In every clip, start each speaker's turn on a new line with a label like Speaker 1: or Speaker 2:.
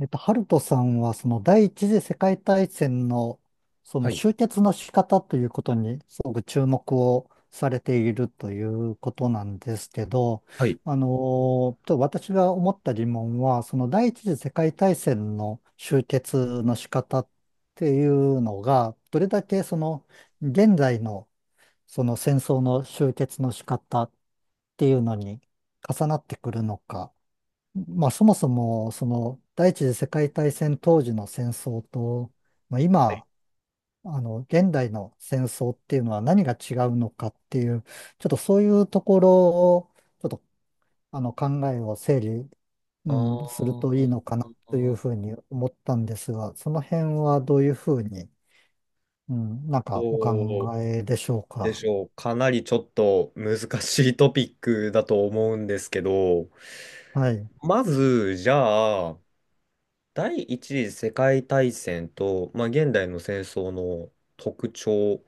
Speaker 1: ハルトさんは、その第一次世界大戦の、そ
Speaker 2: は
Speaker 1: の
Speaker 2: い。
Speaker 1: 終結の仕方ということに、すごく注目をされているということなんですけど、
Speaker 2: はい。
Speaker 1: ちょっと私が思った疑問は、その第一次世界大戦の終結の仕方っていうのが、どれだけ現在のその戦争の終結の仕方っていうのに重なってくるのか、まあ、そもそも、第一次世界大戦当時の戦争と、まあ、今、現代の戦争っていうのは何が違うのかっていう、ちょっとそういうところを、ちょっと、あの、考えを整理、う
Speaker 2: あ
Speaker 1: ん、するといいの
Speaker 2: ー
Speaker 1: かなというふうに思ったんですが、その辺はどういうふうに、うん、なんかお
Speaker 2: どう
Speaker 1: 考えでしょう
Speaker 2: で
Speaker 1: か。
Speaker 2: しょう。かなりちょっと難しいトピックだと思うんですけど、
Speaker 1: はい、
Speaker 2: まず、じゃあ、第一次世界大戦と、まあ、現代の戦争の特徴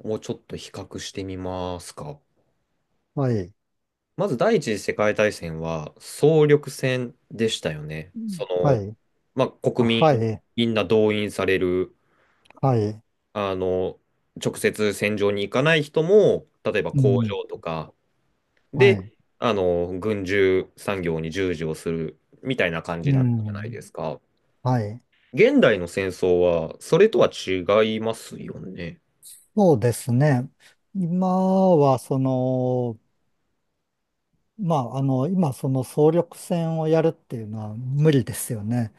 Speaker 2: をちょっと比較してみますか。
Speaker 1: はい、
Speaker 2: まず、第一次世界大戦は総力戦でしたよね。
Speaker 1: うん
Speaker 2: そ
Speaker 1: は
Speaker 2: の、
Speaker 1: い、
Speaker 2: まあ、
Speaker 1: あ
Speaker 2: 国民
Speaker 1: はい、
Speaker 2: みんな動員される
Speaker 1: はい、
Speaker 2: あの、直接戦場に行かない人も、例えば
Speaker 1: う
Speaker 2: 工
Speaker 1: ん、
Speaker 2: 場とか
Speaker 1: は
Speaker 2: で、
Speaker 1: い、
Speaker 2: 軍需産業に従事をするみたいな感じ
Speaker 1: う
Speaker 2: だったじゃない
Speaker 1: ん、
Speaker 2: ですか。
Speaker 1: はい。
Speaker 2: 現代の戦争は、それとは違いますよね。
Speaker 1: そうですね。今は、その、まあ、あの、今、その総力戦をやるっていうのは無理ですよね。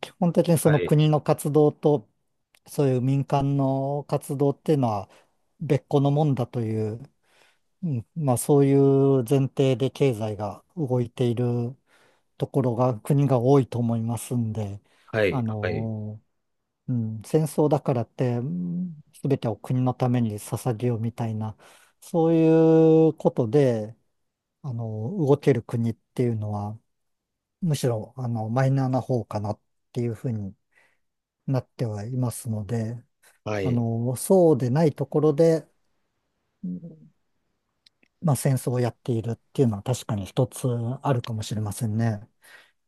Speaker 1: 基本的にそ
Speaker 2: は
Speaker 1: の
Speaker 2: い、
Speaker 1: 国の活動と、そういう民間の活動っていうのは別個のもんだという、うん、まあ、そういう前提で経済が動いているところが、国が多いと思いますんで、
Speaker 2: は
Speaker 1: あ
Speaker 2: い、はい。
Speaker 1: のうん、戦争だからって、全てを国のために捧げようみたいな、そういうことで、あの、動ける国っていうのは、むしろ、マイナーな方かなっていうふうになってはいますので、
Speaker 2: はい。
Speaker 1: そうでないところで、うんまあ、戦争をやっているっていうのは確かに一つあるかもしれませんね。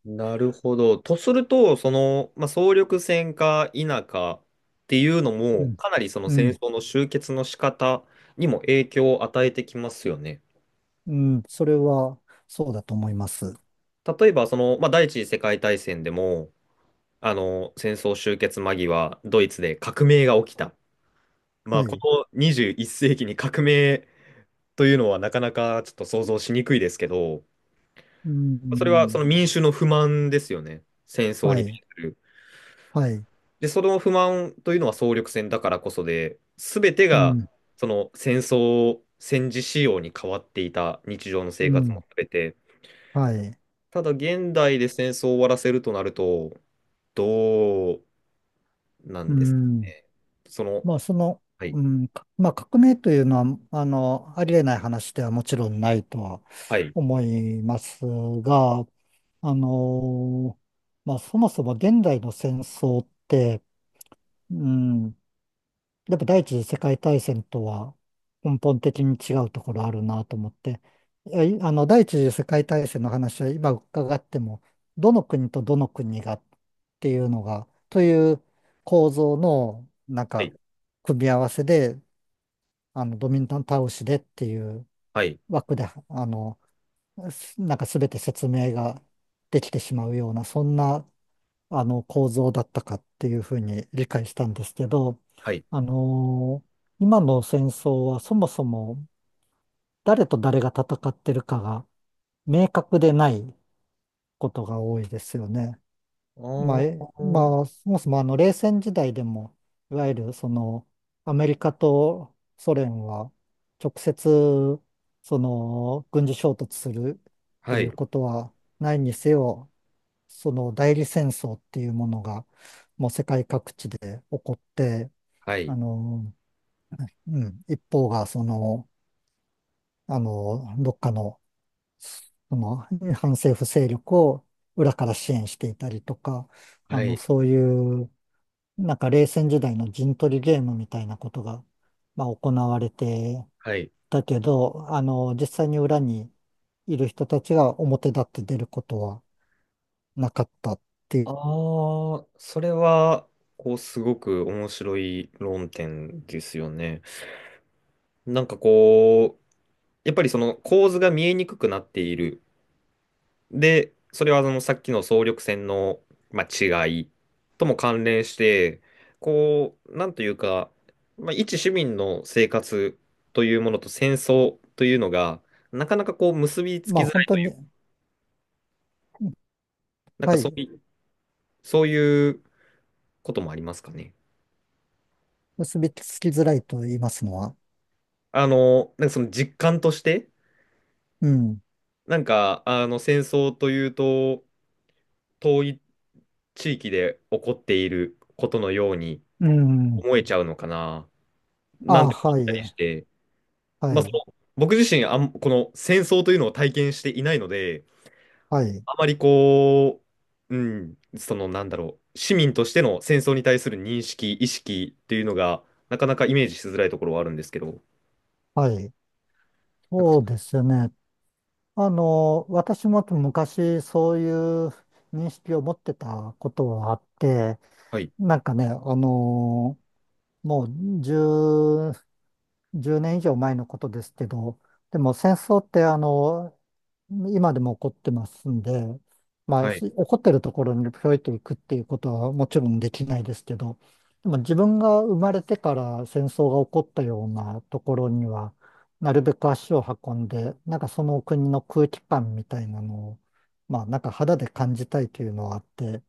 Speaker 2: なるほど。とすると、その、まあ、総力戦か否かっていうの
Speaker 1: う
Speaker 2: も、
Speaker 1: ん。
Speaker 2: かなりその
Speaker 1: う
Speaker 2: 戦
Speaker 1: ん。
Speaker 2: 争の終結の仕方にも影響を与えてきますよね。
Speaker 1: うん。それは、そうだと思います。
Speaker 2: 例えば、その、まあ、第一次世界大戦でも、戦争終結間際、ドイツで革命が起きた。まあ、
Speaker 1: は
Speaker 2: こ
Speaker 1: い。
Speaker 2: の21世紀に革命というのはなかなかちょっと想像しにくいですけど、
Speaker 1: う
Speaker 2: それはそ
Speaker 1: ん。
Speaker 2: の民衆の不満ですよね。戦争
Speaker 1: は
Speaker 2: に対
Speaker 1: い。
Speaker 2: する。
Speaker 1: はい。
Speaker 2: で、その不満というのは総力戦だからこそで、すべて
Speaker 1: う
Speaker 2: が、
Speaker 1: ん。
Speaker 2: その戦争、戦時仕様に変わっていた日常の
Speaker 1: う
Speaker 2: 生活も
Speaker 1: ん、
Speaker 2: すべて、
Speaker 1: はい。
Speaker 2: ただ現代で戦争を終わらせるとなると、どうな
Speaker 1: う
Speaker 2: んですか
Speaker 1: ん、
Speaker 2: ね。その、
Speaker 1: まあ、その、
Speaker 2: はい、
Speaker 1: うん、まあ、革命というのは、ありえない話ではもちろんないとは
Speaker 2: はい、
Speaker 1: 思いますが、あの、まあ、そもそも現代の戦争って、うん、やっぱ第一次世界大戦とは根本的に違うところあるなと思って、いやいあの、第一次世界大戦の話は今伺っても、どの国とどの国がっていうのが、という構造の、なん
Speaker 2: はい、
Speaker 1: か、組み合わせで、ドミニカン倒しでっていう
Speaker 2: はい、
Speaker 1: 枠で、なんか全て説明ができてしまうような、そんな構造だったかっていうふうに理解したんですけど、
Speaker 2: はい。
Speaker 1: 今の戦争はそもそも誰と誰が戦ってるかが明確でないことが多いですよね。
Speaker 2: あ
Speaker 1: まあ、え
Speaker 2: ー
Speaker 1: まあ、そもそも冷戦時代でも、いわゆるそのアメリカとソ連は直接その軍事衝突するって
Speaker 2: は
Speaker 1: いう
Speaker 2: い、
Speaker 1: ことはないにせよ、その代理戦争っていうものが、もう世界各地で起こって、
Speaker 2: はい、
Speaker 1: あの、うん、一方がどっかの、その反政府勢力を裏から支援していたりとか、
Speaker 2: はい、
Speaker 1: そういう、なんか冷戦時代の陣取りゲームみたいなことが、まあ、行われて
Speaker 2: はい。
Speaker 1: たけど、実際に裏にいる人たちが表立って出ることはなかったってい
Speaker 2: あ
Speaker 1: う、
Speaker 2: あ、それは、こう、すごく面白い論点ですよね。なんかこう、やっぱりその構図が見えにくくなっている。で、それはそのさっきの総力戦の、まあ、違いとも関連して、こう、なんというか、まあ、一市民の生活というものと戦争というのが、なかなかこう結びつき
Speaker 1: ま
Speaker 2: づ
Speaker 1: あ、
Speaker 2: ら
Speaker 1: 本
Speaker 2: い
Speaker 1: 当
Speaker 2: とい
Speaker 1: に、
Speaker 2: う、なん
Speaker 1: は
Speaker 2: かそ
Speaker 1: い。
Speaker 2: ういう、そういうこともありますかね。
Speaker 1: 結びつきづらいと言いますのは。
Speaker 2: なんかその実感として、
Speaker 1: うん。
Speaker 2: なんか、戦争というと、遠い地域で起こっていることのように
Speaker 1: うん。
Speaker 2: 思えちゃうのかな、な
Speaker 1: あ、
Speaker 2: んて思
Speaker 1: は
Speaker 2: ったりし
Speaker 1: い。
Speaker 2: て。
Speaker 1: は
Speaker 2: まあ、そ
Speaker 1: い。
Speaker 2: の僕自身あん、この戦争というのを体験していないので、
Speaker 1: はい。
Speaker 2: あまりこう、そのなんだろう、市民としての戦争に対する認識、意識っていうのが、なかなかイメージしづらいところはあるんですけど、
Speaker 1: はい。
Speaker 2: なんか、
Speaker 1: そうですよね。私も昔そういう認識を持ってたことはあって、
Speaker 2: はい、
Speaker 1: なんかね、もう10年以上前のことですけど、でも戦争って今でも起こってますんで、まあ、
Speaker 2: はい、
Speaker 1: し起こってるところにぴょいと行くっていうことはもちろんできないですけど、でも自分が生まれてから戦争が起こったようなところには、なるべく足を運んで、なんかその国の空気感みたいなのを、まあなんか肌で感じたいというのはあって、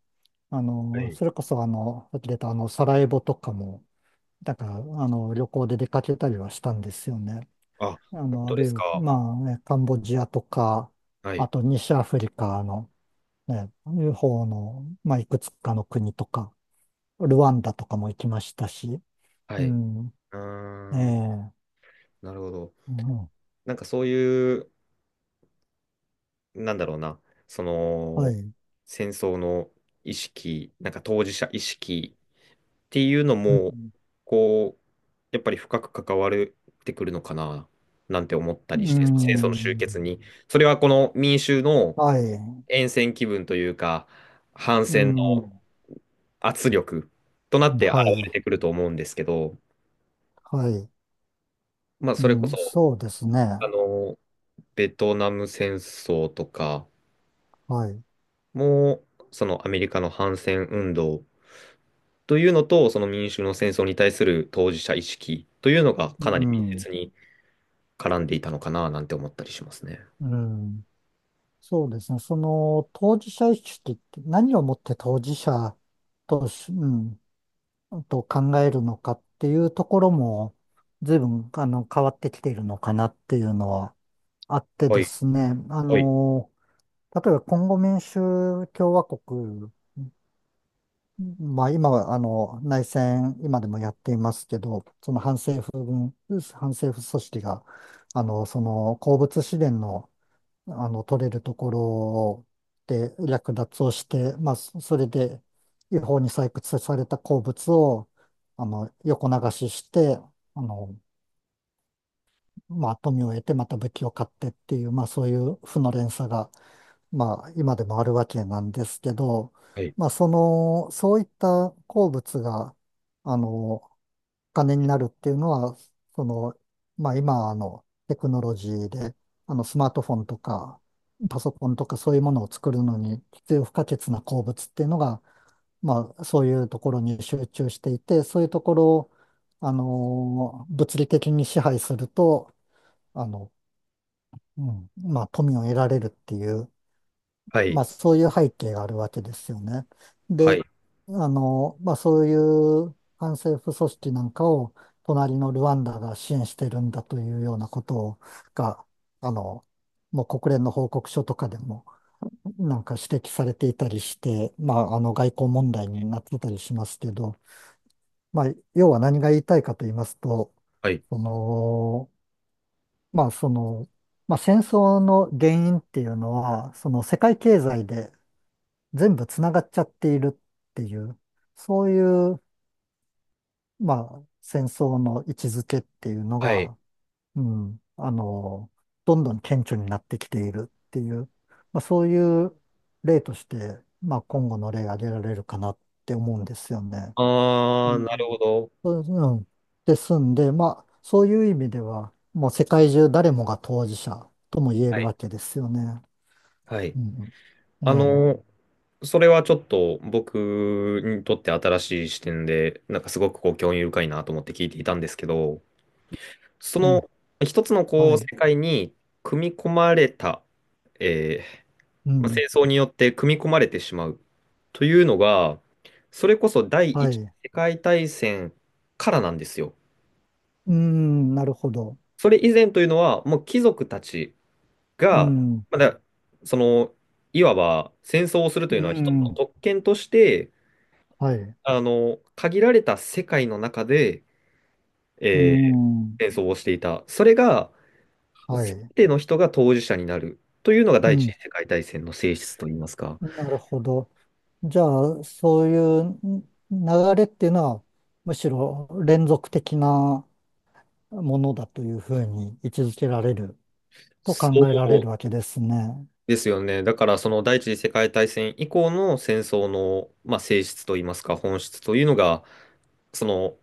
Speaker 2: はい。
Speaker 1: それこそさっき出たサラエボとかも、だから、旅行で出かけたりはしたんですよね。
Speaker 2: あ、本当
Speaker 1: あ
Speaker 2: で
Speaker 1: るい
Speaker 2: す
Speaker 1: は、
Speaker 2: か。
Speaker 1: まあ、ねカンボジアとか、
Speaker 2: は
Speaker 1: あ
Speaker 2: い、
Speaker 1: と西アフリカのね、方の、まあ、いくつかの国とか、ルワンダとかも行きましたし、
Speaker 2: は
Speaker 1: う
Speaker 2: い。
Speaker 1: ん、え
Speaker 2: ーん、
Speaker 1: え、
Speaker 2: なるほど。
Speaker 1: うん、
Speaker 2: なんかそういう、なんだろうな、そ
Speaker 1: は
Speaker 2: の、
Speaker 1: い、
Speaker 2: 戦争の意識、なんか当事者意識ていうの
Speaker 1: う
Speaker 2: も、
Speaker 1: ん、
Speaker 2: こう、やっぱり深く関わってくるのかな、なんて思った
Speaker 1: う
Speaker 2: りして、戦争の終
Speaker 1: ん
Speaker 2: 結に。それはこの民衆の
Speaker 1: はい、
Speaker 2: 厭戦気分というか、反
Speaker 1: う
Speaker 2: 戦の
Speaker 1: ん、は
Speaker 2: 圧力となって現
Speaker 1: い、
Speaker 2: れてくると思うんですけど、
Speaker 1: はい、
Speaker 2: まあ、
Speaker 1: う
Speaker 2: それこ
Speaker 1: ん、
Speaker 2: そ、
Speaker 1: そうですね、
Speaker 2: あの、ベトナム戦争とか
Speaker 1: はい、
Speaker 2: も、そのアメリカの反戦運動というのと、その民衆の戦争に対する当事者意識というのが
Speaker 1: う
Speaker 2: かなり密接
Speaker 1: ん、
Speaker 2: に絡んでいたのかななんて思ったりしますね。
Speaker 1: うん。そうですね。その当事者意識って何をもって当事者とし、と考えるのかっていうところも随分変わってきているのかなっていうのはあって
Speaker 2: は
Speaker 1: で
Speaker 2: い、
Speaker 1: すね。
Speaker 2: はい、
Speaker 1: 例えばコンゴ民主共和国、まあ今は内戦今でもやっていますけど、その反政府軍、反政府組織がその鉱物資源の取れるところで略奪をして、まあ、それで違法に採掘された鉱物を、横流しして、あの、まあ、富を得てまた武器を買ってっていう、まあ、そういう負の連鎖が、まあ、今でもあるわけなんですけど、
Speaker 2: はい、
Speaker 1: まあ、その、そういった鉱物が、あの、金になるっていうのは、その、まあ今テクノロジーで、スマートフォンとかパソコンとかそういうものを作るのに必要不可欠な鉱物っていうのが、まあそういうところに集中していて、そういうところを、物理的に支配すると、あの、うん、まあ富を得られるっていう、
Speaker 2: は
Speaker 1: ま
Speaker 2: い、
Speaker 1: あそういう背景があるわけですよね。
Speaker 2: は
Speaker 1: で、
Speaker 2: い、
Speaker 1: まあそういう反政府組織なんかを隣のルワンダが支援してるんだというようなことをが、あの、もう国連の報告書とかでもなんか指摘されていたりして、まあ外交問題になってたりしますけど、まあ要は何が言いたいかと言いますと、
Speaker 2: はい、
Speaker 1: その、まあその、まあ戦争の原因っていうのは、その世界経済で全部つながっちゃっているっていう、そういう、まあ、戦争の位置づけっていうの
Speaker 2: はい。
Speaker 1: が、うん、あの、どんどん顕著になってきているっていう、まあ、そういう例として、まあ、今後の例挙げられるかなって思うんですよね。う
Speaker 2: な
Speaker 1: ん。
Speaker 2: るほど。
Speaker 1: そうですんで、まあ、そういう意味では、もう世界中誰もが当事者とも言え
Speaker 2: は
Speaker 1: る
Speaker 2: い、
Speaker 1: わけですよね。
Speaker 2: はい。
Speaker 1: うん。え
Speaker 2: あ
Speaker 1: え。
Speaker 2: の、それはちょっと僕にとって新しい視点で、なんかすごくこう興味深いなと思って聞いていたんですけど、そ
Speaker 1: ええ。
Speaker 2: の一つの
Speaker 1: は
Speaker 2: こう世
Speaker 1: い。
Speaker 2: 界に組み込まれた、え
Speaker 1: う
Speaker 2: ーまあ、
Speaker 1: ん。
Speaker 2: 戦争によって組み込まれてしまうというのが、それこそ第
Speaker 1: は
Speaker 2: 一次
Speaker 1: い。
Speaker 2: 世界大戦からなんですよ。
Speaker 1: うん、なるほど。
Speaker 2: それ以前というのは、もう貴族たち
Speaker 1: う
Speaker 2: が、
Speaker 1: ん、
Speaker 2: まだ、その、いわば戦争をするとい
Speaker 1: う
Speaker 2: うのは一つの
Speaker 1: ん、
Speaker 2: 特権として、
Speaker 1: はい、う
Speaker 2: 限られた世界の中で、えー
Speaker 1: ん、
Speaker 2: 戦争をしていた。それが、
Speaker 1: は
Speaker 2: すべ
Speaker 1: い、
Speaker 2: ての人が当事者になるというのが
Speaker 1: う
Speaker 2: 第一次
Speaker 1: ん、
Speaker 2: 世界大戦の性質といいますか。
Speaker 1: なるほど。じゃあ、そういう流れっていうのは、むしろ連続的なものだというふうに位置づけられると考
Speaker 2: そ
Speaker 1: えられ
Speaker 2: う
Speaker 1: るわけですね。
Speaker 2: ですよね。だからその第一次世界大戦以降の戦争の、まあ、性質といいますか本質というのがその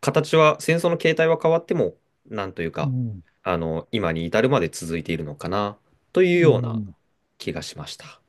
Speaker 2: 形は戦争の形態は変わってもなんという
Speaker 1: う
Speaker 2: か
Speaker 1: ん、
Speaker 2: 今に至るまで続いているのかなという
Speaker 1: う
Speaker 2: ような
Speaker 1: ん。
Speaker 2: 気がしました。